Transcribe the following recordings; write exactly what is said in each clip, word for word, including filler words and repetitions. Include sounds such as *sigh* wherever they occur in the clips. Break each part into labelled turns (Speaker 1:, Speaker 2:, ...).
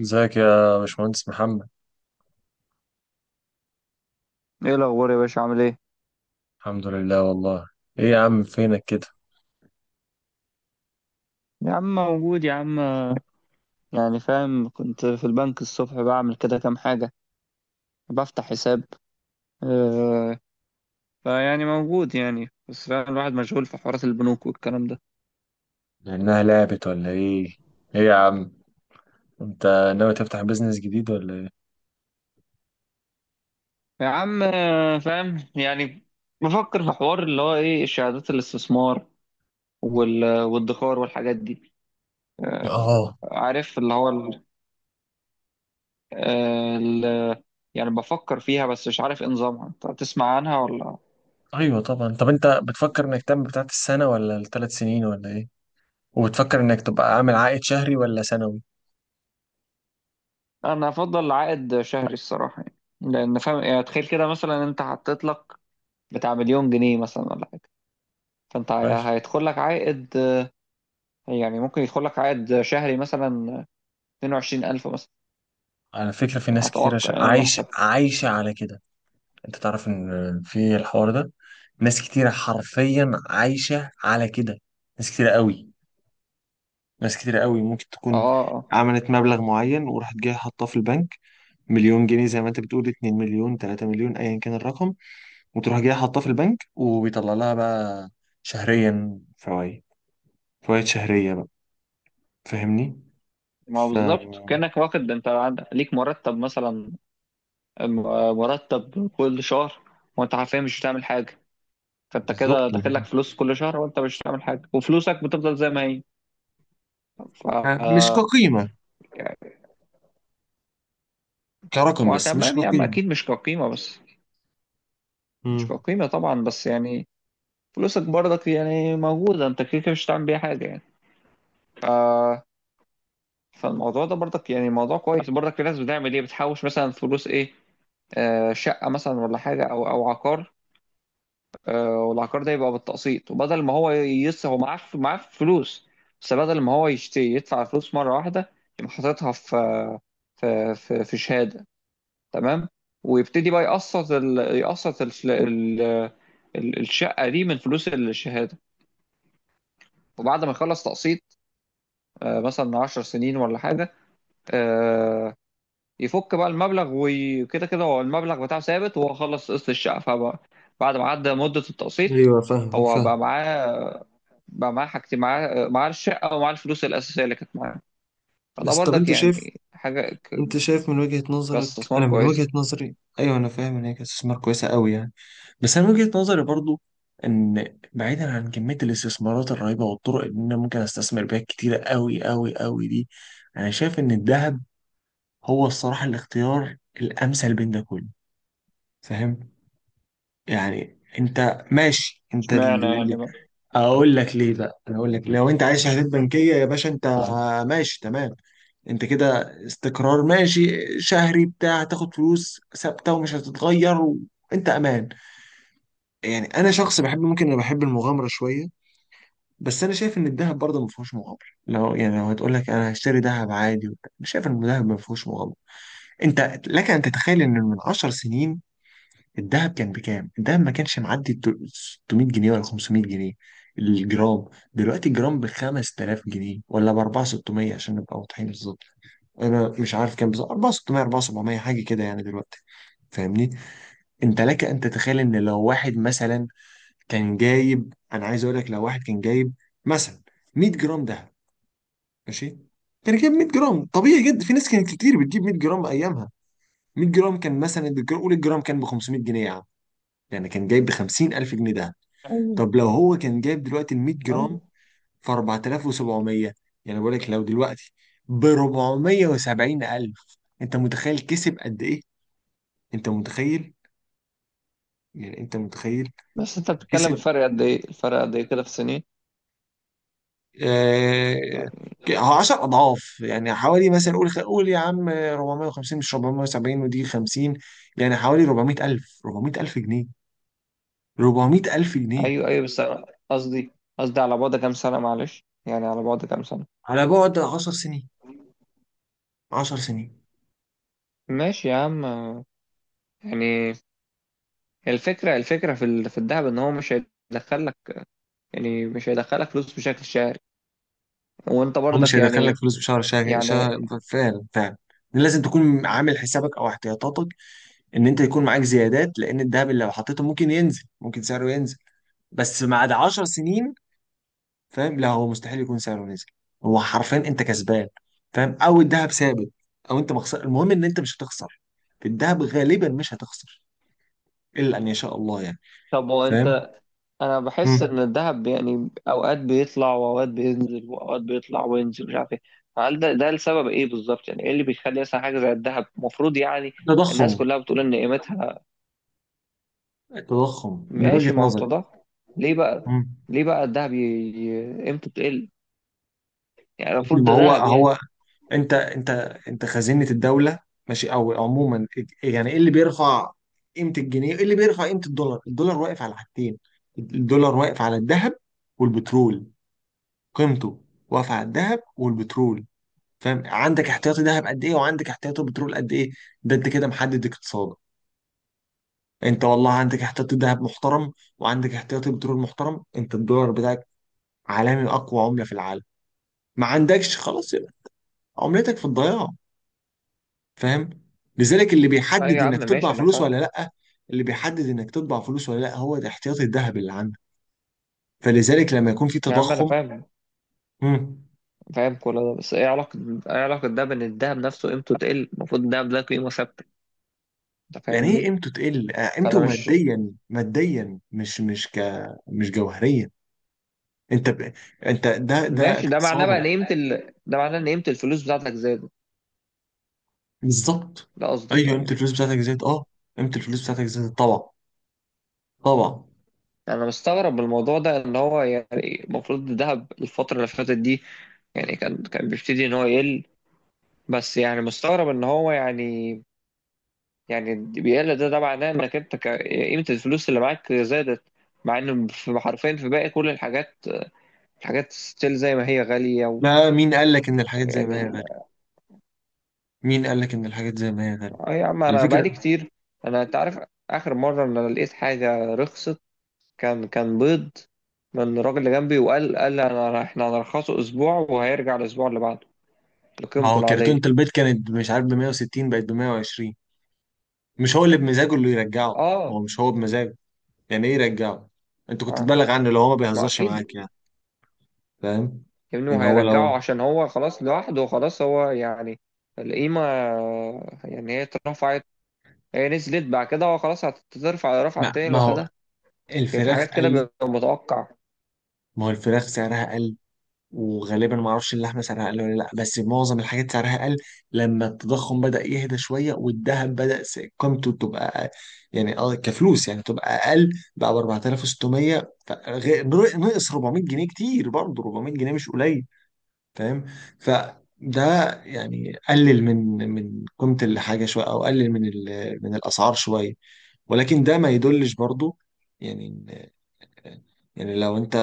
Speaker 1: ازيك يا باشمهندس محمد؟
Speaker 2: ايه الاخبار يا باشا؟ عامل ايه؟
Speaker 1: الحمد لله والله. ايه يا عم فينك كده؟
Speaker 2: يا عم موجود يا عم. يعني فاهم، كنت في البنك الصبح بعمل كده كام حاجه، بفتح حساب. آه. فيعني موجود يعني، بس فاهم الواحد مشغول في حوارات البنوك والكلام ده.
Speaker 1: لانها لعبت ولا ايه؟ ايه يا عم انت ناوي تفتح بيزنس جديد ولا ايه؟
Speaker 2: يا عم آه، فاهم يعني، بفكر في حوار اللي هو ايه، شهادات الاستثمار وال- والادخار والحاجات دي. آه،
Speaker 1: اه
Speaker 2: عارف اللي هو ال- آه، ال- يعني بفكر فيها، بس مش عارف ايه نظامها، انت تسمع عنها ولا؟
Speaker 1: ايوه طبعا. طب انت بتفكر انك تعمل بتاعت السنه ولا الثلاث سنين ولا ايه؟ وبتفكر انك تبقى عامل عائد شهري ولا سنوي؟
Speaker 2: انا افضل عائد شهري الصراحه يعني. لان فاهم يعني، تخيل كده مثلا انت حطيت لك بتاع مليون جنيه مثلا ولا حاجه، فانت
Speaker 1: ماشي.
Speaker 2: هي- هيدخل لك عائد آه، يعني ممكن يدخل لك عائد شهري مثلا اثنين وعشرين الف مثلا.
Speaker 1: على فكره، في
Speaker 2: يعني
Speaker 1: ناس كتيره ش...
Speaker 2: اتوقع يعني، انا ما
Speaker 1: عايشه
Speaker 2: حسبتش
Speaker 1: عايشه على كده. انت تعرف ان في الحوار ده ناس كتيره حرفيا عايشه على كده. ناس كتيره قوي، ناس كتير قوي، ممكن
Speaker 2: اه
Speaker 1: تكون
Speaker 2: اه اه.
Speaker 1: عملت مبلغ معين وراحت جايه حاطاه في البنك، مليون جنيه زي ما انت بتقول، اتنين مليون تلاته مليون، ايا كان الرقم، وتروح جايه حاطاه في البنك وبيطلع لها بقى شهريا فوائد. فوائد شهرية بقى. فاهمني؟
Speaker 2: ما هو بالظبط
Speaker 1: فبالظبط.
Speaker 2: كانك واخد انت عند- ليك مرتب مثلا، م- مرتب كل شهر، وانت حرفيا مش بتعمل حاجه. فانت كده داخل لك فلوس كل شهر وانت مش بتعمل حاجه، وفلوسك بتفضل زي ما هي ف
Speaker 1: مش كقيمة، كرقم
Speaker 2: ما
Speaker 1: بس، مش
Speaker 2: تمام يا عم،
Speaker 1: كقيمة.
Speaker 2: اكيد مش كقيمه بس. مش
Speaker 1: مم.
Speaker 2: كقيمه طبعا بس يعني، فلوسك برضك يعني موجوده، انت كده كده مش هتعمل بيها حاجه يعني ف... فالموضوع ده برضك يعني موضوع كويس برضك. في ناس بتعمل ايه، بتحوش مثلا فلوس ايه، آه شقه مثلا ولا حاجه او او عقار. آه، والعقار ده يبقى بالتقسيط، وبدل ما هو يس هو معاه ف- معاه فلوس، بس بدل ما هو يشتري يدفع فلوس مره واحده، يبقى حاططها في في في في شهاده، تمام؟ ويبتدي بقى يقسط ال... يقسط ال... ال... ال- الشقه دي من فلوس الشهاده. وبعد ما يخلص تقسيط، آه، مثلا عشر سنين ولا حاجه، آه، يفك بقى المبلغ. وكده كده هو المبلغ بتاعه ثابت، وهو خلص قسط الشقه، فبقى بعد ما عدى مده التقسيط،
Speaker 1: ايوه فاهم
Speaker 2: هو
Speaker 1: فاهم.
Speaker 2: بقى معاه بقى معاه حاجتين، معاه معاه الشقه، ومعاه الفلوس الاساسيه اللي كانت معاه. فده
Speaker 1: بس طب
Speaker 2: برضك
Speaker 1: انت شايف،
Speaker 2: يعني حاجه ك-
Speaker 1: انت شايف من وجهة نظرك،
Speaker 2: كاستثمار
Speaker 1: انا من
Speaker 2: كويس.
Speaker 1: وجهة نظري ايوه انا فاهم ان هي كانت استثمار كويسة قوي يعني. بس انا وجهة نظري برضو ان بعيدا عن كمية الاستثمارات الرهيبة والطرق اللي انا ممكن استثمر بيها كتيرة قوي قوي قوي دي، انا شايف ان الذهب هو الصراحة الاختيار الامثل بين ده كله. فاهم؟ يعني انت ماشي. انت ال-
Speaker 2: اشمعنى يعني
Speaker 1: ال-
Speaker 2: بقى؟
Speaker 1: اقول لك ليه بقى. انا اقول لك، لو انت عايز شهادات بنكية يا باشا، انت آه، ماشي تمام. انت كده استقرار، ماشي شهري بتاع، تاخد فلوس ثابتة ومش هتتغير، وانت امان. يعني انا شخص بحب، ممكن انا بحب المغامرة شوية. بس انا شايف ان الذهب برضه ما فيهوش مغامره. لو يعني لو هتقول لك انا هشتري ذهب عادي وبتاع، انا شايف ان الذهب ما فيهوش مغامره. انت لك ان تتخيل ان من 10 سنين الذهب كان بكام؟ الذهب ما كانش معدي التل- ستمية جنيه ولا خمسمية جنيه الجرام. دلوقتي الجرام ب خمستلاف جنيه، ولا ب اربعتلاف وستمية عشان نبقى واضحين بالظبط. انا مش عارف كام بالظبط، اربعتلاف وستمية اربعتلاف وسبعمية حاجه كده يعني دلوقتي. فاهمني؟ انت لك ان تتخيل ان لو واحد مثلا كان جايب، انا عايز اقول لك، لو واحد كان جايب مثلا ميه جرام دهب، ماشي، كان جايب ميه جرام طبيعي جدا. في ناس كانت كتير بتجيب ميه جرام ايامها. ميه جرام كان مثلا الجرام، قول الجرام كان ب خمسمية جنيه يا عم، يعني كان جايب ب خمسين الف جنيه ده.
Speaker 2: ايوه
Speaker 1: طب لو هو كان جايب دلوقتي ال ميه
Speaker 2: ايوه،
Speaker 1: جرام في اربعتلاف وسبعمية، يعني بقول لك لو دلوقتي ب اربعمية وسبعين الف، انت متخيل كسب قد ايه؟ انت متخيل؟ يعني انت متخيل
Speaker 2: بس انت بتتكلم
Speaker 1: كسب.
Speaker 2: الفرق قد ايه الفرق قد ايه كده في سنين؟
Speaker 1: آه، هو عشرة اضعاف. يعني حوالي مثلا، قول قول يا عم اربعمية وخمسين مش اربعمية وسبعين ودي خمسين، يعني حوالي 400000 400000 جنيه، اربعمية الف جنيه،
Speaker 2: ايوه ايوه، بس أنا قصدي قصدي على بعد كام سنة؟ معلش يعني، على بعد كام سنة؟
Speaker 1: على بعد 10 سنين. 10 سنين.
Speaker 2: ماشي يا عم. يعني الفكرة الفكرة في ال- في الذهب ان هو مش هيدخلك، يعني مش هيدخلك فلوس بشكل شهري، وانت
Speaker 1: هو مش
Speaker 2: برضك
Speaker 1: هيدخل لك
Speaker 2: يعني
Speaker 1: فلوس في شهر شهر شهر.
Speaker 2: يعني
Speaker 1: فعلا فعلا. لازم تكون عامل حسابك او احتياطاتك ان انت يكون معاك زيادات، لان الذهب اللي لو حطيته ممكن ينزل، ممكن سعره ينزل. بس بعد 10 سنين فاهم، لا، هو مستحيل يكون سعره نزل. هو حرفيا انت كسبان، فاهم، او الذهب ثابت، او انت مخسر. المهم ان انت مش هتخسر. في الذهب غالبا مش هتخسر الا ان يشاء الله يعني.
Speaker 2: طب هو
Speaker 1: فاهم.
Speaker 2: انت انا بحس
Speaker 1: مم.
Speaker 2: ان الذهب يعني اوقات بيطلع واوقات بينزل، واوقات بيطلع وينزل، مش عارف ايه. فهل ده ده السبب؟ ايه بالظبط يعني، ايه اللي بيخلي مثلا حاجة زي الذهب، المفروض يعني الناس
Speaker 1: التضخم.
Speaker 2: كلها بتقول ان قيمتها؟
Speaker 1: التضخم من
Speaker 2: ماشي،
Speaker 1: وجهة
Speaker 2: ما هو
Speaker 1: نظري.
Speaker 2: التضخم. ليه بقى،
Speaker 1: مم.
Speaker 2: ليه بقى الذهب ي- ي- قيمته تقل؟ يعني
Speaker 1: إن
Speaker 2: المفروض
Speaker 1: ما
Speaker 2: ده
Speaker 1: هو
Speaker 2: ذهب يعني.
Speaker 1: هو. انت انت، انت خزينة الدولة، ماشي، او عموما. يعني ايه اللي بيرفع قيمة الجنيه؟ ايه اللي بيرفع قيمة الدولار؟ الدولار واقف على حاجتين. الدولار واقف على الذهب والبترول. قيمته واقفة على الذهب والبترول. فاهم؟ عندك احتياطي ذهب قد ايه وعندك احتياطي بترول قد ايه، ده انت كده محدد اقتصادك. انت والله عندك احتياطي ذهب محترم وعندك احتياطي بترول محترم، انت الدولار بتاعك عالمي، اقوى عملة في العالم. ما عندكش، خلاص، يبقى عملتك في الضياع. فاهم. لذلك اللي
Speaker 2: اي
Speaker 1: بيحدد
Speaker 2: يا عم
Speaker 1: انك تطبع
Speaker 2: ماشي، انا
Speaker 1: فلوس
Speaker 2: فاهم.
Speaker 1: ولا لا، اللي بيحدد انك تطبع فلوس ولا لا، هو ده احتياطي الذهب اللي عندك. فلذلك لما يكون في
Speaker 2: يا عم انا
Speaker 1: تضخم.
Speaker 2: فاهم،
Speaker 1: مم.
Speaker 2: فاهم كل ده، بس ايه علاقة ايه علاقة ده بان الذهب نفسه قيمته تقل؟ المفروض الذهب ده قيمة ثابتة، انت
Speaker 1: يعني ايه
Speaker 2: فاهمني؟
Speaker 1: قيمته تقل؟ آه، قيمته
Speaker 2: فانا مش،
Speaker 1: ماديا، ماديا، مش مش ك مش جوهريا. انت ب... انت، ده ده
Speaker 2: ماشي. ده معناه بقى ان
Speaker 1: اقتصادك.
Speaker 2: قيمة ال... ده معناه ان قيمة الفلوس بتاعتك زادت،
Speaker 1: بالظبط.
Speaker 2: ده قصدك
Speaker 1: ايوه قيمه
Speaker 2: يعني؟
Speaker 1: الفلوس بتاعتك زادت، اه، قيمه الفلوس بتاعتك زادت طبعا. طبعا.
Speaker 2: انا مستغرب من الموضوع ده، ان هو يعني المفروض الذهب الفترة اللي فاتت دي، يعني كان كان بيبتدي ان هو يقل، بس يعني مستغرب ان هو يعني، يعني بيقل، ده ده معناه انك انت ك- قيمة الفلوس اللي معاك زادت، مع ان في حرفيا في باقي كل الحاجات، الحاجات ستيل زي ما هي غالية و-
Speaker 1: لا، مين قال لك ان الحاجات زي ما
Speaker 2: يعني
Speaker 1: هي غاليه؟
Speaker 2: ال-
Speaker 1: مين قال لك ان الحاجات زي ما هي غاليه؟
Speaker 2: اه يا عم،
Speaker 1: على
Speaker 2: انا
Speaker 1: فكره،
Speaker 2: بقالي كتير، انا انت عارف اخر مرة ان انا لقيت حاجة رخصت كان كان بيض، من الراجل اللي جنبي، وقال، قال انا احنا هنرخصه اسبوع، وهيرجع الاسبوع اللي بعده
Speaker 1: ما
Speaker 2: لقيمته
Speaker 1: هو كرتونه
Speaker 2: العادية.
Speaker 1: البيض كانت مش عارف ب ميه وستين بقت ب ميه وعشرين. مش هو اللي بمزاجه اللي يرجعه. هو
Speaker 2: اه.
Speaker 1: مش هو بمزاجه. يعني ايه يرجعه؟ انت كنت
Speaker 2: ما
Speaker 1: تبلغ عنه لو هو ما
Speaker 2: ما
Speaker 1: بيهزرش معاك
Speaker 2: اكيد.
Speaker 1: يعني. فاهم
Speaker 2: يا ابني،
Speaker 1: ان
Speaker 2: ما
Speaker 1: هو لو،
Speaker 2: هيرجعه عشان هو خلاص لوحده، خلاص هو يعني القيمة، يعني هي اترفعت، هي نزلت بعد كده، هو خلاص هترفع رفعة
Speaker 1: ما
Speaker 2: تاني
Speaker 1: ما هو
Speaker 2: لوحدها. كان في
Speaker 1: الفراخ
Speaker 2: حاجات كده
Speaker 1: قلت.
Speaker 2: بيبقى متوقع.
Speaker 1: ما هو الفراخ سعرها قل. وغالبا ما اعرفش اللحمه سعرها اقل ولا لا، بس معظم الحاجات سعرها اقل. لما التضخم بدا يهدى شويه والذهب بدا س- قيمته تبقى أ- يعني اه كفلوس يعني تبقى اقل، بقى ب اربعتلاف وستمية. فغ- نر- نقص اربعمية جنيه. كتير برضه، اربعمية جنيه مش قليل. فاهم. فده يعني قلل من من قيمه الحاجه شويه، او قلل من ال- من الاسعار شويه. ولكن ده ما يدلش برضه. يعني، يعني لو انت،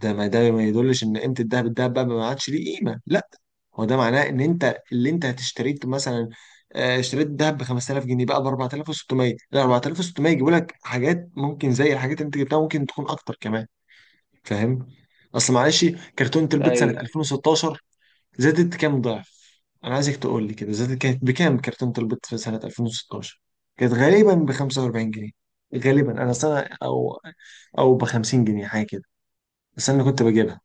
Speaker 1: ده ما ده ما يدلش ان قيمه الذهب، الذهب بقى ما عادش ليه قيمه، لا. هو ده معناه ان انت اللي انت هتشتريه مثلا، آه، اشتريت الذهب ب خمستلاف جنيه بقى ب اربعتلاف وستمية. لا، اربعتلاف وستمية يجيبوا لك حاجات ممكن زي الحاجات اللي انت جبتها، ممكن تكون اكتر كمان. فاهم. اصل معلش، كرتونه البيض سنه
Speaker 2: ايوه.
Speaker 1: الفين وستاشر زادت كام ضعف؟ انا عايزك تقول لي كده، زادت كانت بكام كرتونه البيض في سنه الفين وستاشر؟ كانت غالبا ب خمسه واربعين جنيه. غالبا، انا سنه، او او ب خمسين جنيه حاجه كده. بس انا اللي كنت بجيبها.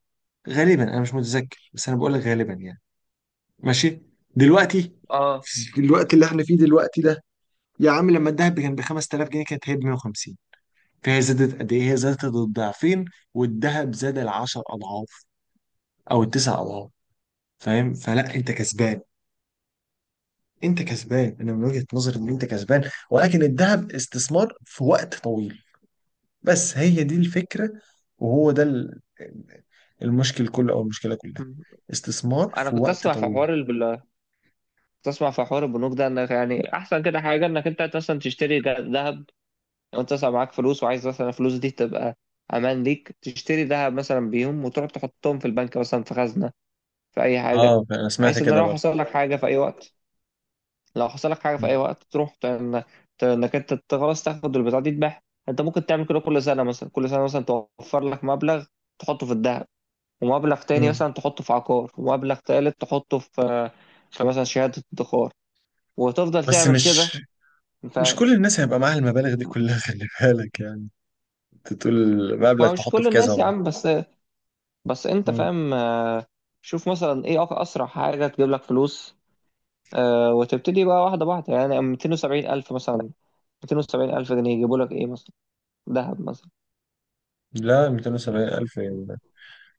Speaker 1: غالبا، انا مش متذكر بس انا بقول لك غالبا يعني. ماشي. دلوقتي،
Speaker 2: اه.
Speaker 1: في الوقت اللي احنا فيه دلوقتي ده، يا عم لما الذهب كان ب خمستلاف جنيه كانت هي ب ميه وخمسين. فهي زادت قد ايه؟ هي زادت الضعفين، والذهب زاد العشر اضعاف او التسع اضعاف. فاهم؟ فلا انت كسبان. انت كسبان. انا من وجهة نظري ان انت كسبان، ولكن الذهب استثمار في وقت طويل. بس هي دي الفكرة. وهو ده ال- المشكل كله، او المشكلة كلها.
Speaker 2: مم.
Speaker 1: استثمار
Speaker 2: انا
Speaker 1: في
Speaker 2: كنت
Speaker 1: وقت
Speaker 2: اسمع في
Speaker 1: طويل.
Speaker 2: حوار البل... كنت اسمع في حوار البنوك ده، انك يعني احسن كده حاجه انك انت مثلا تشتري ج- ذهب. لو انت مثلا معاك فلوس، وعايز مثلا الفلوس دي تبقى امان ليك، تشتري ذهب مثلا بيهم، وتروح تحطهم في البنك مثلا، في خزنه، في اي حاجه.
Speaker 1: اه انا سمعت
Speaker 2: بحيث ان
Speaker 1: كده
Speaker 2: لو
Speaker 1: برضه.
Speaker 2: حصل لك حاجه في اي وقت، لو حصل لك حاجه في
Speaker 1: مم.
Speaker 2: اي وقت، تروح ت- إن- ت- انك انت ت- خلاص تاخد البتاع دي تبيعها. انت ممكن تعمل كده كل سنه مثلا، كل سنه مثلا توفر لك مبلغ تحطه في الذهب، ومبلغ تاني
Speaker 1: مم.
Speaker 2: مثلا تحطه في عقار، ومبلغ تالت تحطه في في مثلا شهاده ادخار، وتفضل
Speaker 1: بس
Speaker 2: تعمل
Speaker 1: مش
Speaker 2: كده
Speaker 1: مش
Speaker 2: انت.
Speaker 1: كل الناس هيبقى معاها المبالغ دي كلها *laughs* خلي بالك يعني. انت تقول
Speaker 2: ما
Speaker 1: مبلغ
Speaker 2: هو مش
Speaker 1: تحطه
Speaker 2: كل
Speaker 1: في كذا
Speaker 2: الناس يا
Speaker 1: مرة.
Speaker 2: عم، بس بس انت
Speaker 1: مم.
Speaker 2: فاهم آه، شوف مثلا ايه أق- اسرع حاجه تجيب لك فلوس. آه، وتبتدي بقى واحده واحده، يعني مئتين وسبعين الف مثلا، مئتين وسبعين الف جنيه يجيبوا لك ايه مثلا؟ ذهب مثلا؟
Speaker 1: لا ميتين وسبعين ألف يعني.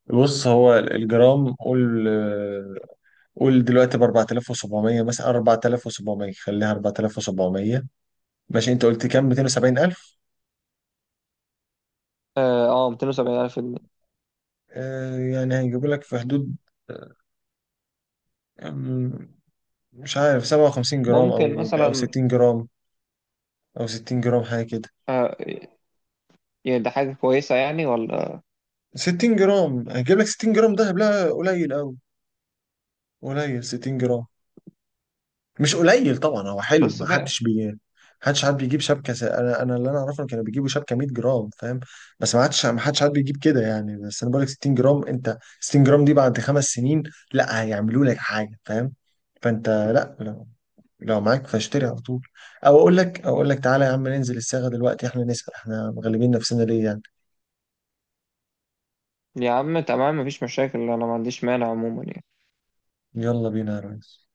Speaker 1: بص هو الجرام، قول قول دلوقتي ب اربعتلاف وسبعمية مثلا، اربعتلاف وسبعمية، خليها اربعتلاف وسبعمية. ماشي، انت قلت كام؟ ميتين وسبعين ألف.
Speaker 2: اه آه، مئتين وسبعين الف جنيه،
Speaker 1: آه يعني هيجيبوا لك في حدود، آه، مش عارف سبعه وخمسين جرام
Speaker 2: ممكن
Speaker 1: او او
Speaker 2: مثلا
Speaker 1: ستين جرام، او ستين جرام حاجه كده.
Speaker 2: آه. يعني ده حاجة كويسة يعني ولا؟
Speaker 1: ستين جرام هجيب لك ستين جرام دهب؟ لا قليل قوي. قليل ستين جرام. مش قليل طبعا، هو حلو،
Speaker 2: بس
Speaker 1: ما
Speaker 2: فاهم.
Speaker 1: حدش بي حدش حد بيجيب شبكه س... انا انا اللي انا اعرفه إن كانوا بيجيبوا شبكه ميه جرام. فاهم. بس ما حدش، ما حدش حد بيجيب كده يعني. بس انا بقول لك ستين جرام، انت ستين جرام دي بعد خمس سنين لا هيعملوا لك حاجه. فاهم. فانت لا لو، لو معاك فاشتري على طول. او اقول لك، او اقول لك تعالى يا عم ننزل الصاغه دلوقتي، احنا نسال؟ احنا مغلبين نفسنا ليه يعني.
Speaker 2: يا عم تمام، مفيش مشاكل، أنا ما عنديش مانع عموما يعني.
Speaker 1: يلا بينا يا ريس.